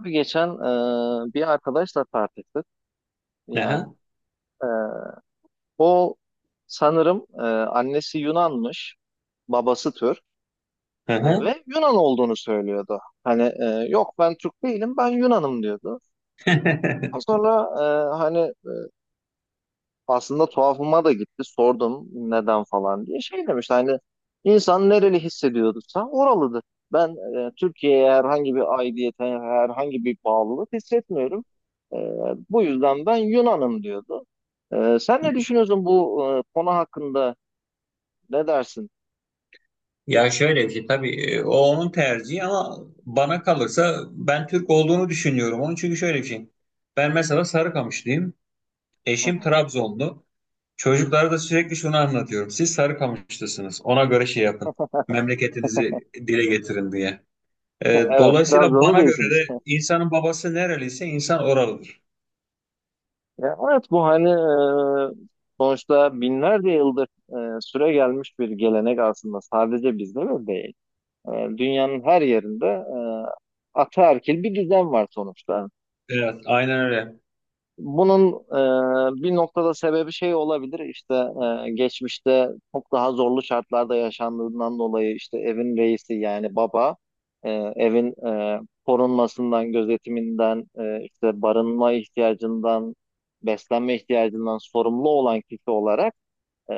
Abi, geçen bir arkadaşla tartıştık. Yani Aha, e, o sanırım annesi Yunanmış, babası Türk. Aha. Ve Yunan olduğunu söylüyordu. Hani yok ben Türk değilim, ben Yunanım diyordu. Sonra hani aslında tuhafıma da gitti. Sordum neden falan diye. Şey demiş hani insan nereli hissediyorsa oralıdır. Ben Türkiye'ye herhangi bir aidiyete, herhangi bir bağlılık hissetmiyorum. E, Bu yüzden ben Yunan'ım diyordu. Sen ne düşünüyorsun bu konu hakkında? Ne dersin? Ya şöyle bir şey tabii o onun tercihi ama bana kalırsa ben Türk olduğunu düşünüyorum onun çünkü şöyle bir şey. Ben mesela Sarıkamışlıyım. Hı Eşim hı. Trabzonlu. Çocuklara da sürekli şunu anlatıyorum. Siz Sarıkamışlısınız. Ona göre şey yapın. Memleketinizi dile getirin diye. Evet, Dolayısıyla Trabzonlu bana göre değilsiniz. de insanın babası nereliyse insan oralıdır. Ya, evet bu hani sonuçta binlerce yıldır süre gelmiş bir gelenek, aslında sadece bizde de değil. E, Dünyanın her yerinde ataerkil bir düzen var sonuçta. Evet, aynen öyle. Bunun bir noktada sebebi şey olabilir, işte geçmişte çok daha zorlu şartlarda yaşandığından dolayı işte evin reisi yani baba, e, evin korunmasından, gözetiminden, işte barınma ihtiyacından, beslenme ihtiyacından sorumlu olan kişi olarak, e,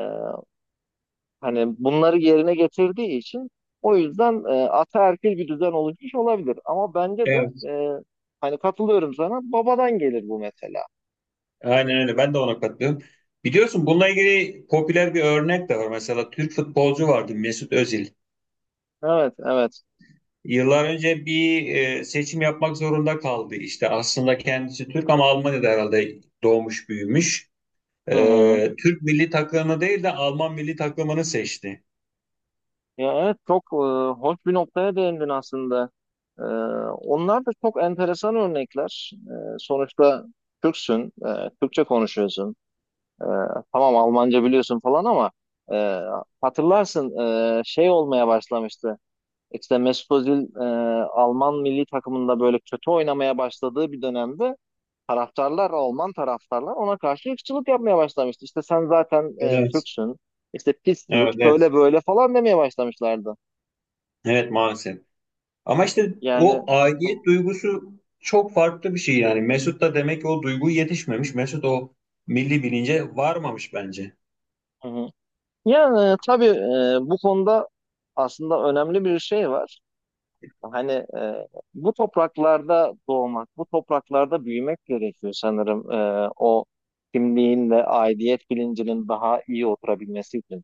Hani bunları yerine getirdiği için, o yüzden ataerkil bir düzen oluşmuş olabilir. Ama bence de Evet. e, hani katılıyorum sana, babadan gelir bu mesela. Aynen öyle. Ben de ona katılıyorum. Biliyorsun bununla ilgili popüler bir örnek de var. Mesela Türk futbolcu vardı Mesut Özil. Evet, evet. Yıllar önce bir seçim yapmak zorunda kaldı. İşte aslında kendisi Türk ama Almanya'da herhalde doğmuş büyümüş. Hı hı. Türk milli takımını değil de Alman milli takımını seçti. Ya evet, çok hoş bir noktaya değindin aslında. E, Onlar da çok enteresan örnekler. Sonuçta Türksün, Türkçe konuşuyorsun. E, tamam, Almanca biliyorsun falan ama e, hatırlarsın, şey olmaya başlamıştı. İşte Mesut Özil Alman milli takımında böyle kötü oynamaya başladığı bir dönemde taraftarlar, Alman taraftarlar ona karşı ırkçılık yapmaya başlamıştı. İşte sen zaten Evet. Türksün, işte pis Türk, Evet, evet. şöyle böyle falan demeye başlamışlardı. Evet maalesef. Ama işte Yani. o aidiyet duygusu çok farklı bir şey yani. Mesut da demek ki o duygu yetişmemiş. Mesut o milli bilince varmamış bence. Hı hı. Yani tabii bu konuda aslında önemli bir şey var. Hani bu topraklarda doğmak, bu topraklarda büyümek gerekiyor sanırım, o kimliğin ve aidiyet bilincinin daha iyi oturabilmesi için.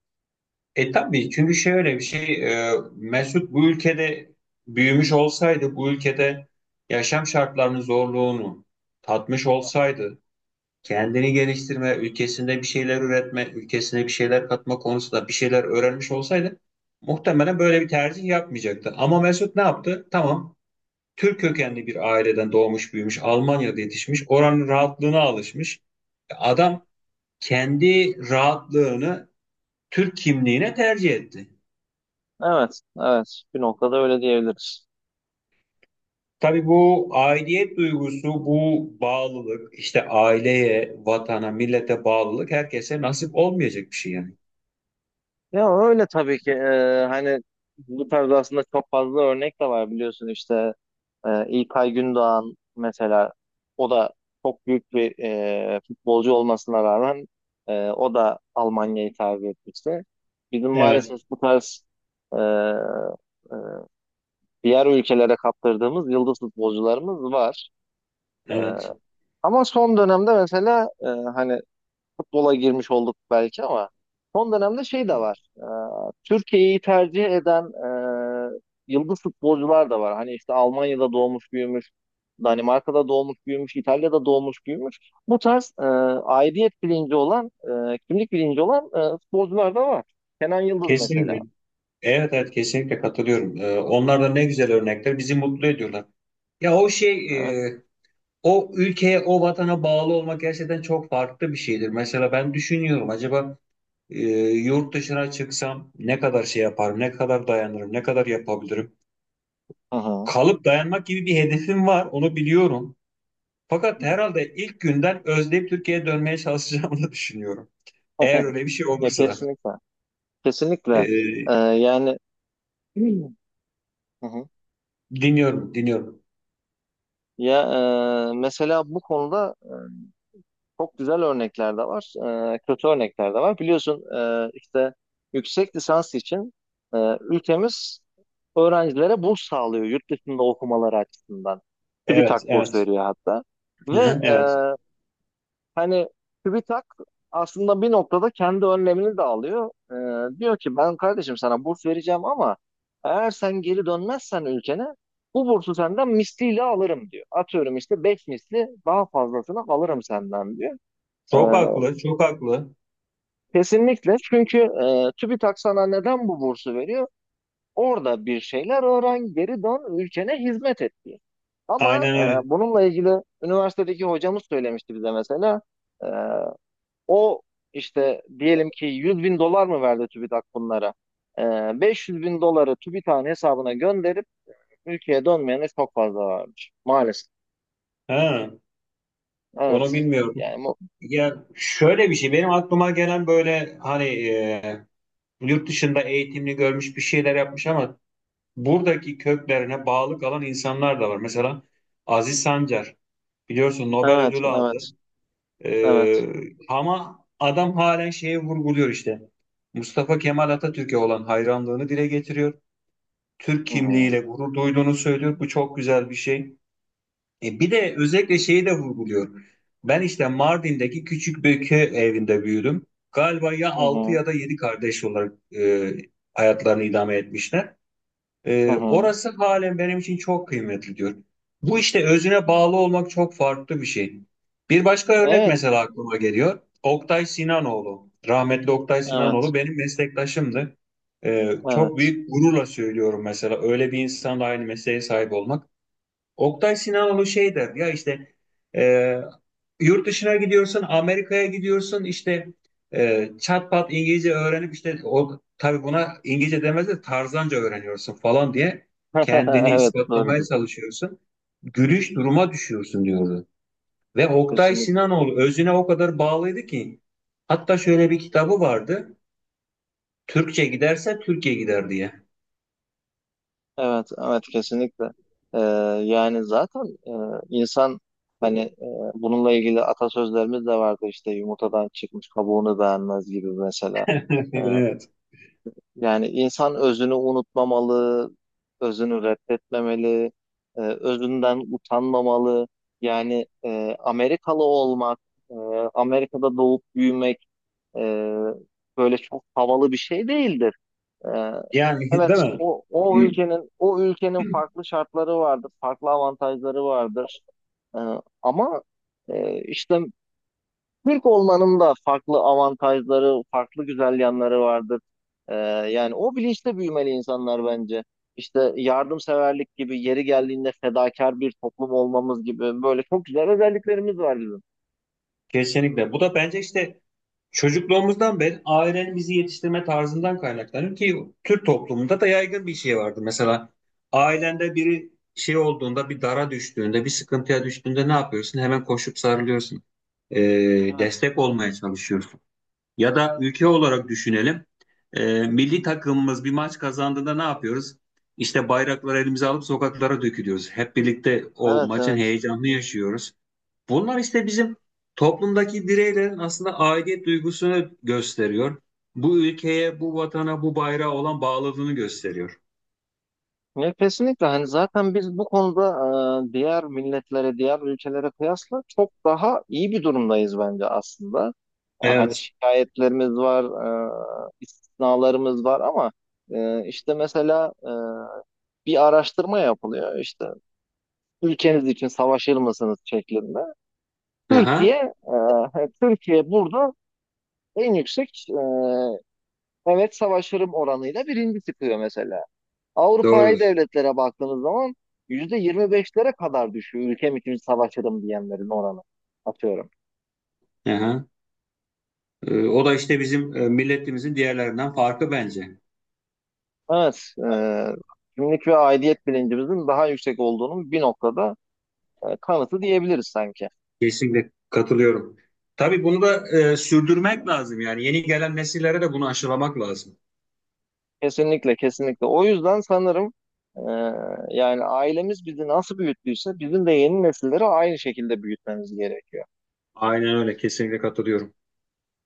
E tabii çünkü şöyle bir şey, Mesut bu ülkede büyümüş olsaydı bu ülkede yaşam şartlarının zorluğunu tatmış olsaydı kendini geliştirme, ülkesinde bir şeyler üretme, ülkesine bir şeyler katma konusunda bir şeyler öğrenmiş olsaydı muhtemelen böyle bir tercih yapmayacaktı. Ama Mesut ne yaptı? Tamam, Türk kökenli bir aileden doğmuş büyümüş, Almanya'da yetişmiş, oranın rahatlığına alışmış. Adam kendi rahatlığını Türk kimliğine tercih etti. Evet, evet. Bir noktada öyle diyebiliriz. Tabii bu aidiyet duygusu, bu bağlılık, işte aileye, vatana, millete bağlılık herkese nasip olmayacak bir şey yani. Ya öyle tabii ki. Hani bu tarz aslında çok fazla örnek de var, biliyorsun işte İlkay Gündoğan mesela, o da çok büyük bir futbolcu olmasına rağmen o da Almanya'yı tercih etmişti. Bizim Evet, maalesef bu tarz e, e, diğer ülkelere kaptırdığımız yıldız futbolcularımız var. E, evet. Ama son dönemde mesela, hani futbola girmiş olduk belki ama son dönemde şey de var. Türkiye'yi tercih eden yıldız futbolcular da var. Hani işte Almanya'da doğmuş büyümüş, Danimarka'da doğmuş büyümüş, İtalya'da doğmuş büyümüş. Bu tarz aidiyet bilinci olan, kimlik bilinci olan futbolcular da var. Kenan Yıldız mesela. Kesinlikle. Evet, evet kesinlikle katılıyorum. Onlar da ne güzel örnekler, bizi mutlu ediyorlar. Ya o şey, Evet. e, o ülkeye, o vatana bağlı olmak gerçekten çok farklı bir şeydir. Mesela ben düşünüyorum acaba, e, yurt dışına çıksam ne kadar şey yaparım, ne kadar dayanırım, ne kadar yapabilirim. Hı hı. Kalıp dayanmak gibi bir hedefim var, onu biliyorum. Fakat herhalde ilk günden özleyip Türkiye'ye dönmeye çalışacağımı da düşünüyorum. Eğer öyle bir şey Ya, olursa. kesinlikle. Kesinlikle. E, Yani. Hı hı. Dinliyorum, dinliyorum. Ya mesela bu konuda çok güzel örnekler de var, kötü örnekler de var. Biliyorsun işte yüksek lisans için ülkemiz öğrencilere burs sağlıyor yurt dışında okumaları açısından. Evet, TÜBİTAK burs evet. veriyor hatta. Hı Ve hı. e, Evet. hani TÜBİTAK aslında bir noktada kendi önlemini de alıyor. Diyor ki ben kardeşim sana burs vereceğim ama eğer sen geri dönmezsen ülkene bu bursu senden misliyle alırım diyor. Atıyorum işte 5 misli daha fazlasını alırım senden diyor. E, Çok haklı, çok haklı. Kesinlikle. Çünkü TÜBİTAK sana neden bu bursu veriyor? Orada bir şeyler öğren, geri dön, ülkene hizmet et diye. Ama Aynen öyle. bununla ilgili üniversitedeki hocamız söylemişti bize mesela. E, O işte diyelim ki 100 bin dolar mı verdi TÜBİTAK bunlara? E, 500 bin doları TÜBİTAK'ın hesabına gönderip ülkeye dönmeyene çok fazla varmış. Maalesef. Ha. Onu Evet. bilmiyorum. Yani bu... Ya şöyle bir şey benim aklıma gelen, böyle hani, yurt dışında eğitimli görmüş bir şeyler yapmış ama buradaki köklerine bağlı kalan insanlar da var. Mesela Aziz Sancar, biliyorsun Nobel Evet, ödülü aldı. evet, evet. Ama adam halen şeye vurguluyor işte. Mustafa Kemal Atatürk'e olan hayranlığını dile getiriyor. Türk Hı hı, kimliğiyle gurur duyduğunu söylüyor. Bu çok güzel bir şey. Bir de özellikle şeyi de vurguluyor. Ben işte Mardin'deki küçük bir köy evinde büyüdüm. Galiba ya hı altı hı, ya da 7 kardeş olarak hayatlarını idame etmişler. hı hı. Orası halen benim için çok kıymetli diyor. Bu işte özüne bağlı olmak çok farklı bir şey. Bir başka örnek Evet, mesela aklıma geliyor. Oktay Sinanoğlu, rahmetli Oktay evet, Sinanoğlu benim meslektaşımdı. Çok evet. büyük gururla söylüyorum mesela öyle bir insanla aynı mesleğe sahip olmak. Oktay Sinanoğlu şey der ya işte, e, yurt dışına gidiyorsun, Amerika'ya gidiyorsun, işte çat pat İngilizce öğrenip, işte o tabii buna İngilizce demez de tarzanca öğreniyorsun falan diye kendini Evet, ispatlamaya doğrudur. çalışıyorsun. Gülüş duruma düşüyorsun diyordu. Ve Oktay Kesinlikle. Sinanoğlu özüne o kadar bağlıydı ki hatta şöyle bir kitabı vardı. Türkçe giderse Türkiye gider diye. Evet, evet, kesinlikle. Ee, Yani zaten e, insan, hani bununla ilgili atasözlerimiz de vardı işte, yumurtadan çıkmış kabuğunu beğenmez gibi mesela. Ee, Evet. Yani insan özünü unutmamalı, özünü reddetmemeli, özünden utanmamalı. Yani Amerikalı olmak, e, Amerika'da doğup büyümek e, böyle çok havalı bir şey değildir. Ee, Yani değil evet, mi? o, o ülkenin o ülkenin farklı şartları vardır, farklı avantajları vardır. Ee, Ama işte Türk olmanın da farklı avantajları, farklı güzel yanları vardır. Ee, Yani o bilinçte büyümeli insanlar bence. İşte yardımseverlik gibi, yeri geldiğinde fedakar bir toplum olmamız gibi böyle çok güzel özelliklerimiz var bizim. Kesinlikle. Bu da bence işte çocukluğumuzdan beri ailenin bizi yetiştirme tarzından kaynaklanıyor ki Türk toplumunda da yaygın bir şey vardı. Mesela ailende biri şey olduğunda, bir dara düştüğünde, bir sıkıntıya düştüğünde ne yapıyorsun? Hemen koşup sarılıyorsun. Evet, Destek olmaya çalışıyorsun. Ya da ülke olarak düşünelim. Milli takımımız bir maç kazandığında ne yapıyoruz? İşte bayrakları elimize alıp sokaklara dökülüyoruz. Hep birlikte o evet, maçın evet. heyecanını yaşıyoruz. Bunlar işte bizim toplumdaki bireylerin aslında aidiyet duygusunu gösteriyor. Bu ülkeye, bu vatana, bu bayrağa olan bağlılığını gösteriyor. Ya kesinlikle, hani zaten biz bu konuda diğer milletlere, diğer ülkelere kıyasla çok daha iyi bir durumdayız bence aslında. Hani Evet. şikayetlerimiz var, istisnalarımız var ama işte mesela bir araştırma yapılıyor işte, ülkeniz için savaşır mısınız şeklinde. Aha, Türkiye, Türkiye burada en yüksek, evet savaşırım oranıyla birinci çıkıyor mesela. Avrupa'yı doğrudur. devletlere baktığımız zaman %25'lere kadar düşüyor ülkem için savaşırım diyenlerin oranı, atıyorum. Aha. O da işte bizim, milletimizin diğerlerinden farkı bence. Evet, kimlik ve aidiyet bilincimizin daha yüksek olduğunun bir noktada kanıtı diyebiliriz sanki. Kesinlikle katılıyorum. Tabii bunu da, sürdürmek lazım yani. Yeni gelen nesillere de bunu aşılamak lazım. Kesinlikle, kesinlikle. O yüzden sanırım e, yani ailemiz bizi nasıl büyüttüyse bizim de yeni nesilleri aynı şekilde büyütmemiz gerekiyor. Aynen öyle, kesinlikle katılıyorum.